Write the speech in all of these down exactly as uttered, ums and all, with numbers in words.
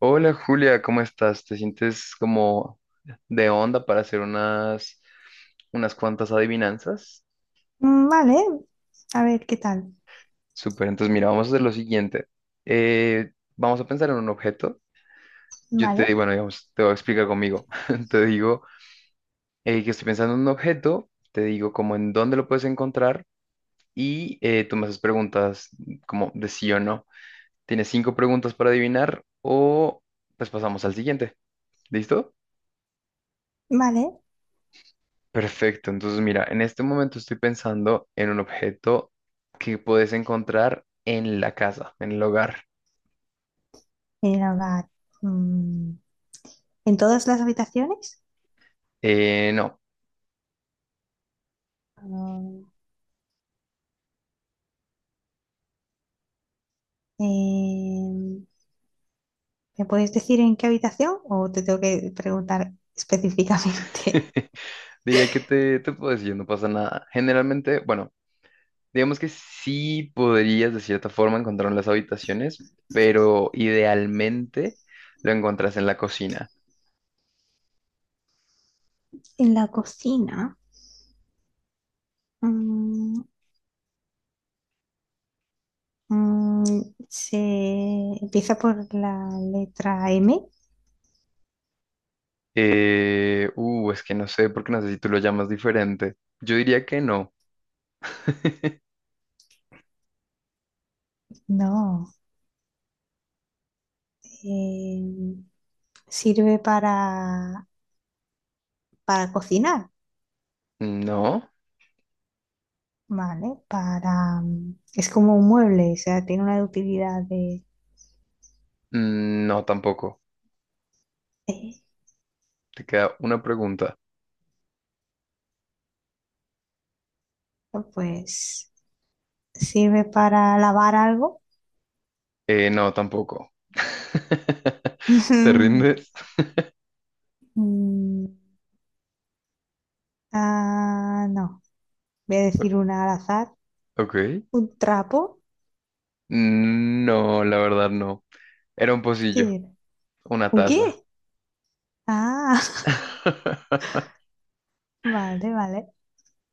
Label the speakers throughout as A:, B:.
A: Hola Julia, ¿cómo estás? ¿Te sientes como de onda para hacer unas, unas cuantas adivinanzas?
B: Mm, vale, a ver qué tal.
A: Súper, entonces mira, vamos a hacer lo siguiente. Eh, vamos a pensar en un objeto. Yo te digo,
B: Vale,
A: bueno, digamos, te voy a explicar conmigo. Te digo eh, que estoy pensando en un objeto, te digo como en dónde lo puedes encontrar y eh, tú me haces preguntas como de sí o no. Tienes cinco preguntas para adivinar o pues pasamos al siguiente. ¿Listo?
B: vale.
A: Perfecto, entonces mira, en este momento estoy pensando en un objeto que puedes encontrar en la casa, en el hogar.
B: El hogar. mm, ¿En todas las habitaciones?
A: Eh, no,
B: Mm, eh, ¿Me puedes decir en qué habitación o te tengo que preguntar específicamente?
A: diría que te, te puedo decir, no pasa nada. Generalmente, bueno, digamos que sí podrías de cierta forma encontrarlo en las habitaciones, pero idealmente lo encuentras en la cocina.
B: En la cocina. mm, mm, ¿Se empieza por la letra M?
A: Eh, uh, es que no sé, porque no sé si tú lo llamas diferente. Yo diría que no.
B: No. eh, ¿Sirve para, para cocinar?
A: No,
B: Vale, para... mm, es como un mueble, o sea, tiene una utilidad de...
A: mm, no tampoco.
B: eh,
A: Te queda una pregunta.
B: pues sirve para lavar algo.
A: Eh, no, tampoco. ¿Te rindes?
B: Mm, ah, no, voy a decir una al azar.
A: Ok.
B: ¿Un trapo?
A: Mm, no, la verdad no. Era un
B: ¿Qué
A: pocillo,
B: era?
A: una
B: ¿Un qué?
A: taza.
B: Ah, vale, vale.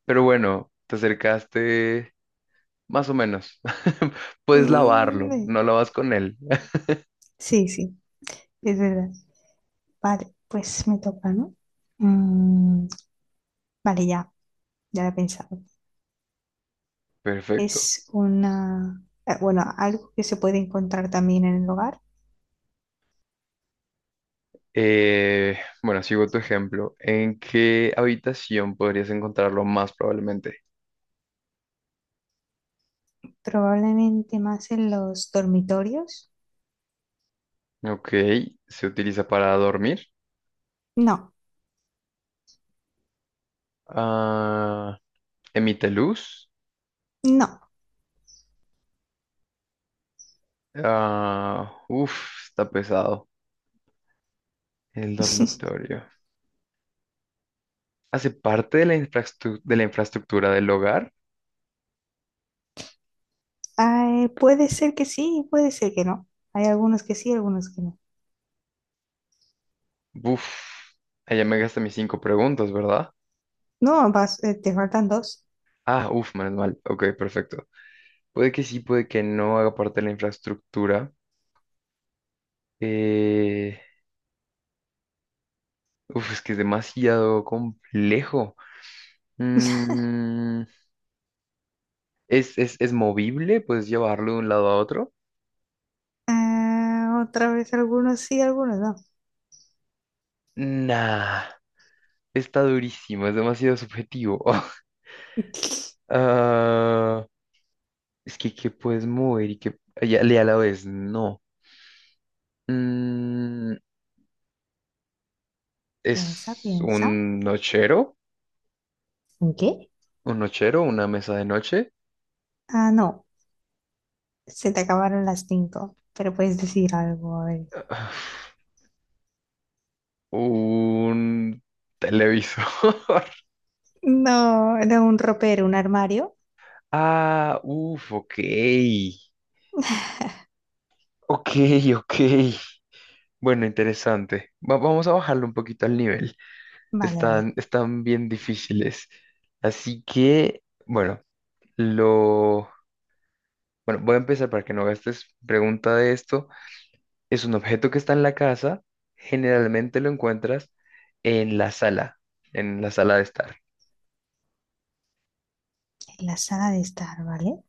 A: Pero bueno, te acercaste más o menos. Puedes lavarlo,
B: Mm,
A: no lavas con él.
B: sí, sí, es verdad. Vale, pues me toca, ¿no? Mm, vale, ya, ya lo he pensado.
A: Perfecto.
B: Es una, eh, bueno, algo que se puede encontrar también en el hogar,
A: Eh, bueno, sigo tu ejemplo. ¿En qué habitación podrías encontrarlo más probablemente?
B: probablemente más en los dormitorios.
A: Ok, se utiliza para dormir.
B: No,
A: Ah, emite luz.
B: no.
A: Ah, uf, está pesado. El dormitorio. ¿Hace parte de la infraestru- de la infraestructura del hogar?
B: Ay, puede ser que sí, puede ser que no. Hay algunos que sí, algunos que no.
A: Uf, allá me gasté mis cinco preguntas, ¿verdad?
B: No, vas, eh, te faltan dos.
A: Ah, uf, menos mal. Ok, perfecto. Puede que sí, puede que no haga parte de la infraestructura. Eh, Uf, es que es demasiado complejo. Mm, ¿es, es, es movible? ¿Puedes llevarlo de un lado a otro?
B: Ah, otra vez algunos sí, algunos no.
A: Nah, está durísimo, es demasiado subjetivo. Ah, es que, ¿qué puedes mover y que ya, y a la vez no? Mm,
B: Piensa,
A: ¿es
B: piensa.
A: un nochero?
B: ¿En qué?
A: ¿Un nochero? ¿Una mesa de noche?
B: Ah, no, se te acabaron las cinco, pero puedes decir algo. A ver.
A: ah, un televisor.
B: No, era un ropero, un armario.
A: Ah, uff, ok. Ok, ok. Bueno, interesante. Va- vamos a bajarlo un poquito al nivel.
B: Vale, vale.
A: Están, están bien difíciles. Así que, bueno, lo... Bueno, voy a empezar para que no gastes pregunta de esto. Es un objeto que está en la casa, generalmente lo encuentras en la sala, en la sala de estar.
B: En la saga de Star, ¿vale?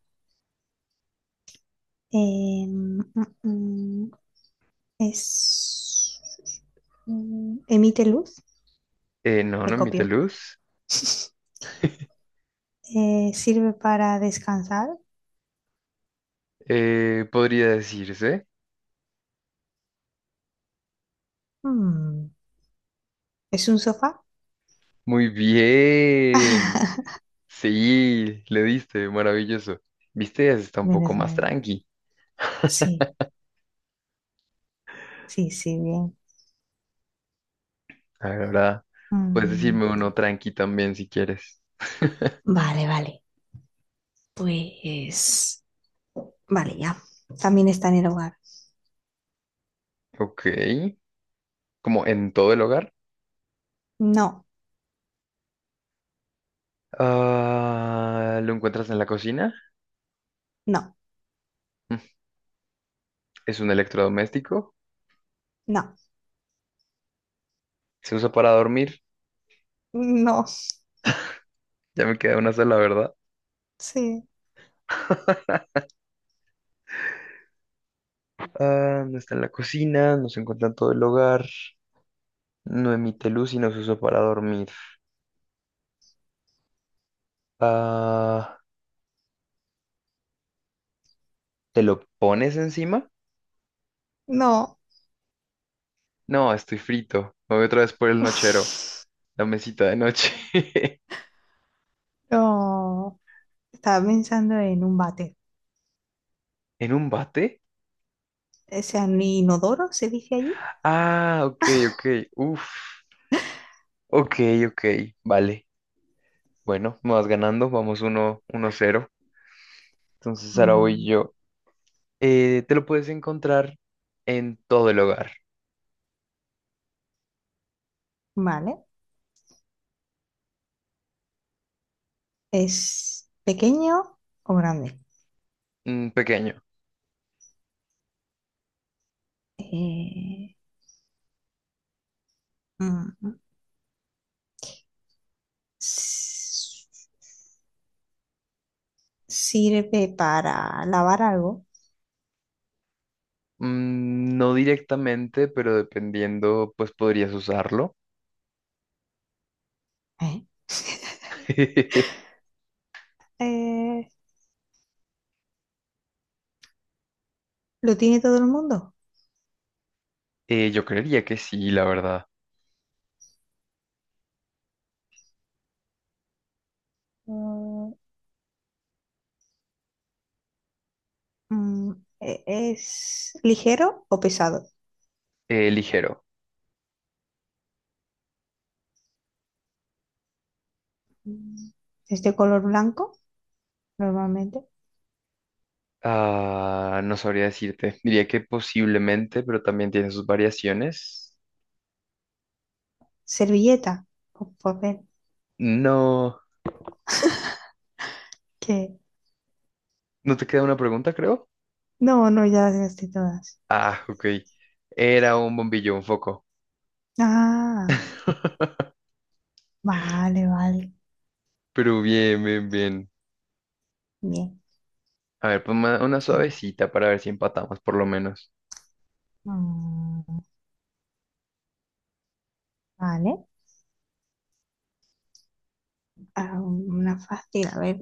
B: Eh, mm, mm, es... mm, emite luz,
A: Eh, no,
B: me
A: no emite
B: copio.
A: luz.
B: Eh, sirve para descansar.
A: Eh, podría decirse.
B: Mm, ¿es un sofá?
A: Muy bien. Sí, le diste, maravilloso. Viste, ya está un poco
B: Menos
A: más
B: mal.
A: tranqui.
B: Sí, sí, sí, bien.
A: Ahora puedes
B: Mm,
A: decirme uno tranqui también si quieres.
B: vale, vale. Pues... vale, ya. También está en el hogar.
A: Ok. Como en todo el hogar.
B: No,
A: Ah, ¿lo encuentras en la cocina?
B: no,
A: Mm, ¿es un electrodoméstico?
B: no,
A: ¿Se usa para dormir?
B: no,
A: Ya me queda una sola, ¿verdad?
B: sí,
A: Ah, no está en la cocina, no se encuentra en todo el hogar, no emite luz y no se usa para dormir. Ah, ¿te lo pones encima?
B: no.
A: No, estoy frito. Me voy otra vez por el nochero, la mesita de noche.
B: No. Estaba pensando en un váter.
A: ¿En un bate?
B: ¿Es un inodoro, se dice allí?
A: Ah, ok, ok. Uf. Ok, ok. Vale. Bueno, me vas ganando. Vamos uno uno cero. Entonces ahora voy
B: Mm,
A: yo. Eh, te lo puedes encontrar en todo el hogar.
B: vale. ¿Es pequeño o grande?
A: Mm, pequeño.
B: Eh, mm, s- ¿Sirve para lavar algo?
A: Mm, no directamente, pero dependiendo, pues podrías usarlo.
B: ¿Eh? Eh, ¿Lo tiene todo el mundo?
A: Eh, yo creería que sí, la verdad.
B: Mm, mm, e- ¿Es ligero o pesado?
A: Eh, ligero.
B: Mm, ¿es de color blanco normalmente?
A: Ah, no sabría decirte. Diría que posiblemente, pero también tiene sus variaciones.
B: ¿Servilleta o papel?
A: No,
B: Que
A: no te queda una pregunta, creo.
B: No, no, ya las gasté todas.
A: Ah, ok. Era un bombillo, un foco.
B: Ah, vale, vale.
A: Pero bien, bien, bien.
B: Bien,
A: A ver, pues una
B: a ver.
A: suavecita para ver si empatamos por lo menos.
B: Mm, vale. Ah, una fácil, a ver.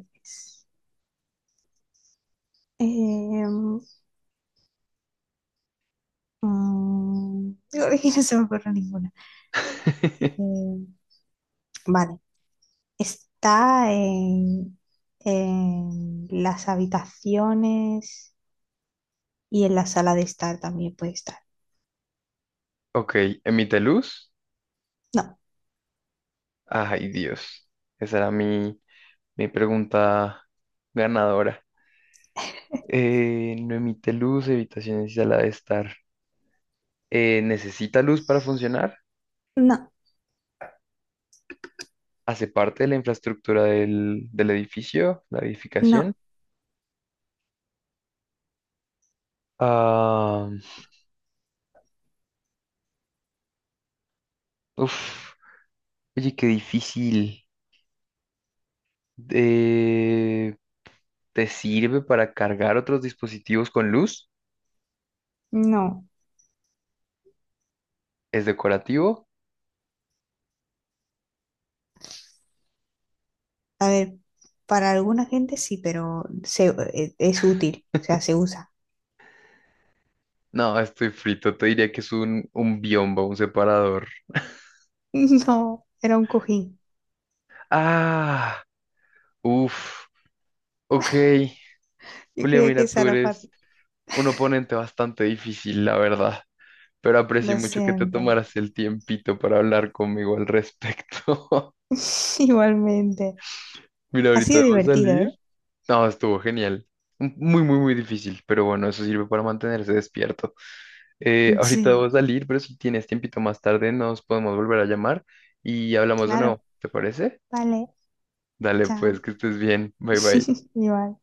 B: Em, mm, Digo, que no se me ocurre ninguna. Em, vale. Está en, en las habitaciones y en la sala de estar también puede estar.
A: Ok, emite luz.
B: No,
A: Ay, Dios. Esa era mi, mi pregunta ganadora. Eh, no emite luz, habitaciones y sala de estar. Eh, ¿necesita luz para funcionar?
B: no,
A: ¿Hace parte de la infraestructura del, del edificio, la
B: no,
A: edificación? Ah, uf, oye, qué difícil. Eh, ¿Te sirve para cargar otros dispositivos con luz?
B: no.
A: ¿Es decorativo?
B: A ver, para alguna gente sí, pero se- eh, es útil, o sea, se usa.
A: No, estoy frito. Te diría que es un, un biombo, un separador.
B: No, era un cojín.
A: Ah. Uf, ok.
B: Yo
A: Julia,
B: creía que
A: mira,
B: esa
A: tú
B: era
A: eres
B: fácil.
A: un oponente bastante difícil, la verdad, pero aprecio
B: Lo
A: mucho que te
B: siento.
A: tomaras el tiempito para hablar conmigo al respecto.
B: Igualmente.
A: Mira,
B: Ha
A: ahorita
B: sido
A: debo
B: divertido, ¿eh?
A: salir. No, estuvo genial. M- Muy, muy, muy difícil, pero bueno, eso sirve para mantenerse despierto. Eh, ahorita debo
B: Sí,
A: salir, pero si tienes tiempito más tarde, nos podemos volver a llamar y hablamos de nuevo,
B: claro.
A: ¿te parece?
B: Vale,
A: Dale, pues,
B: chao.
A: que estés bien. Bye, bye.
B: Igual.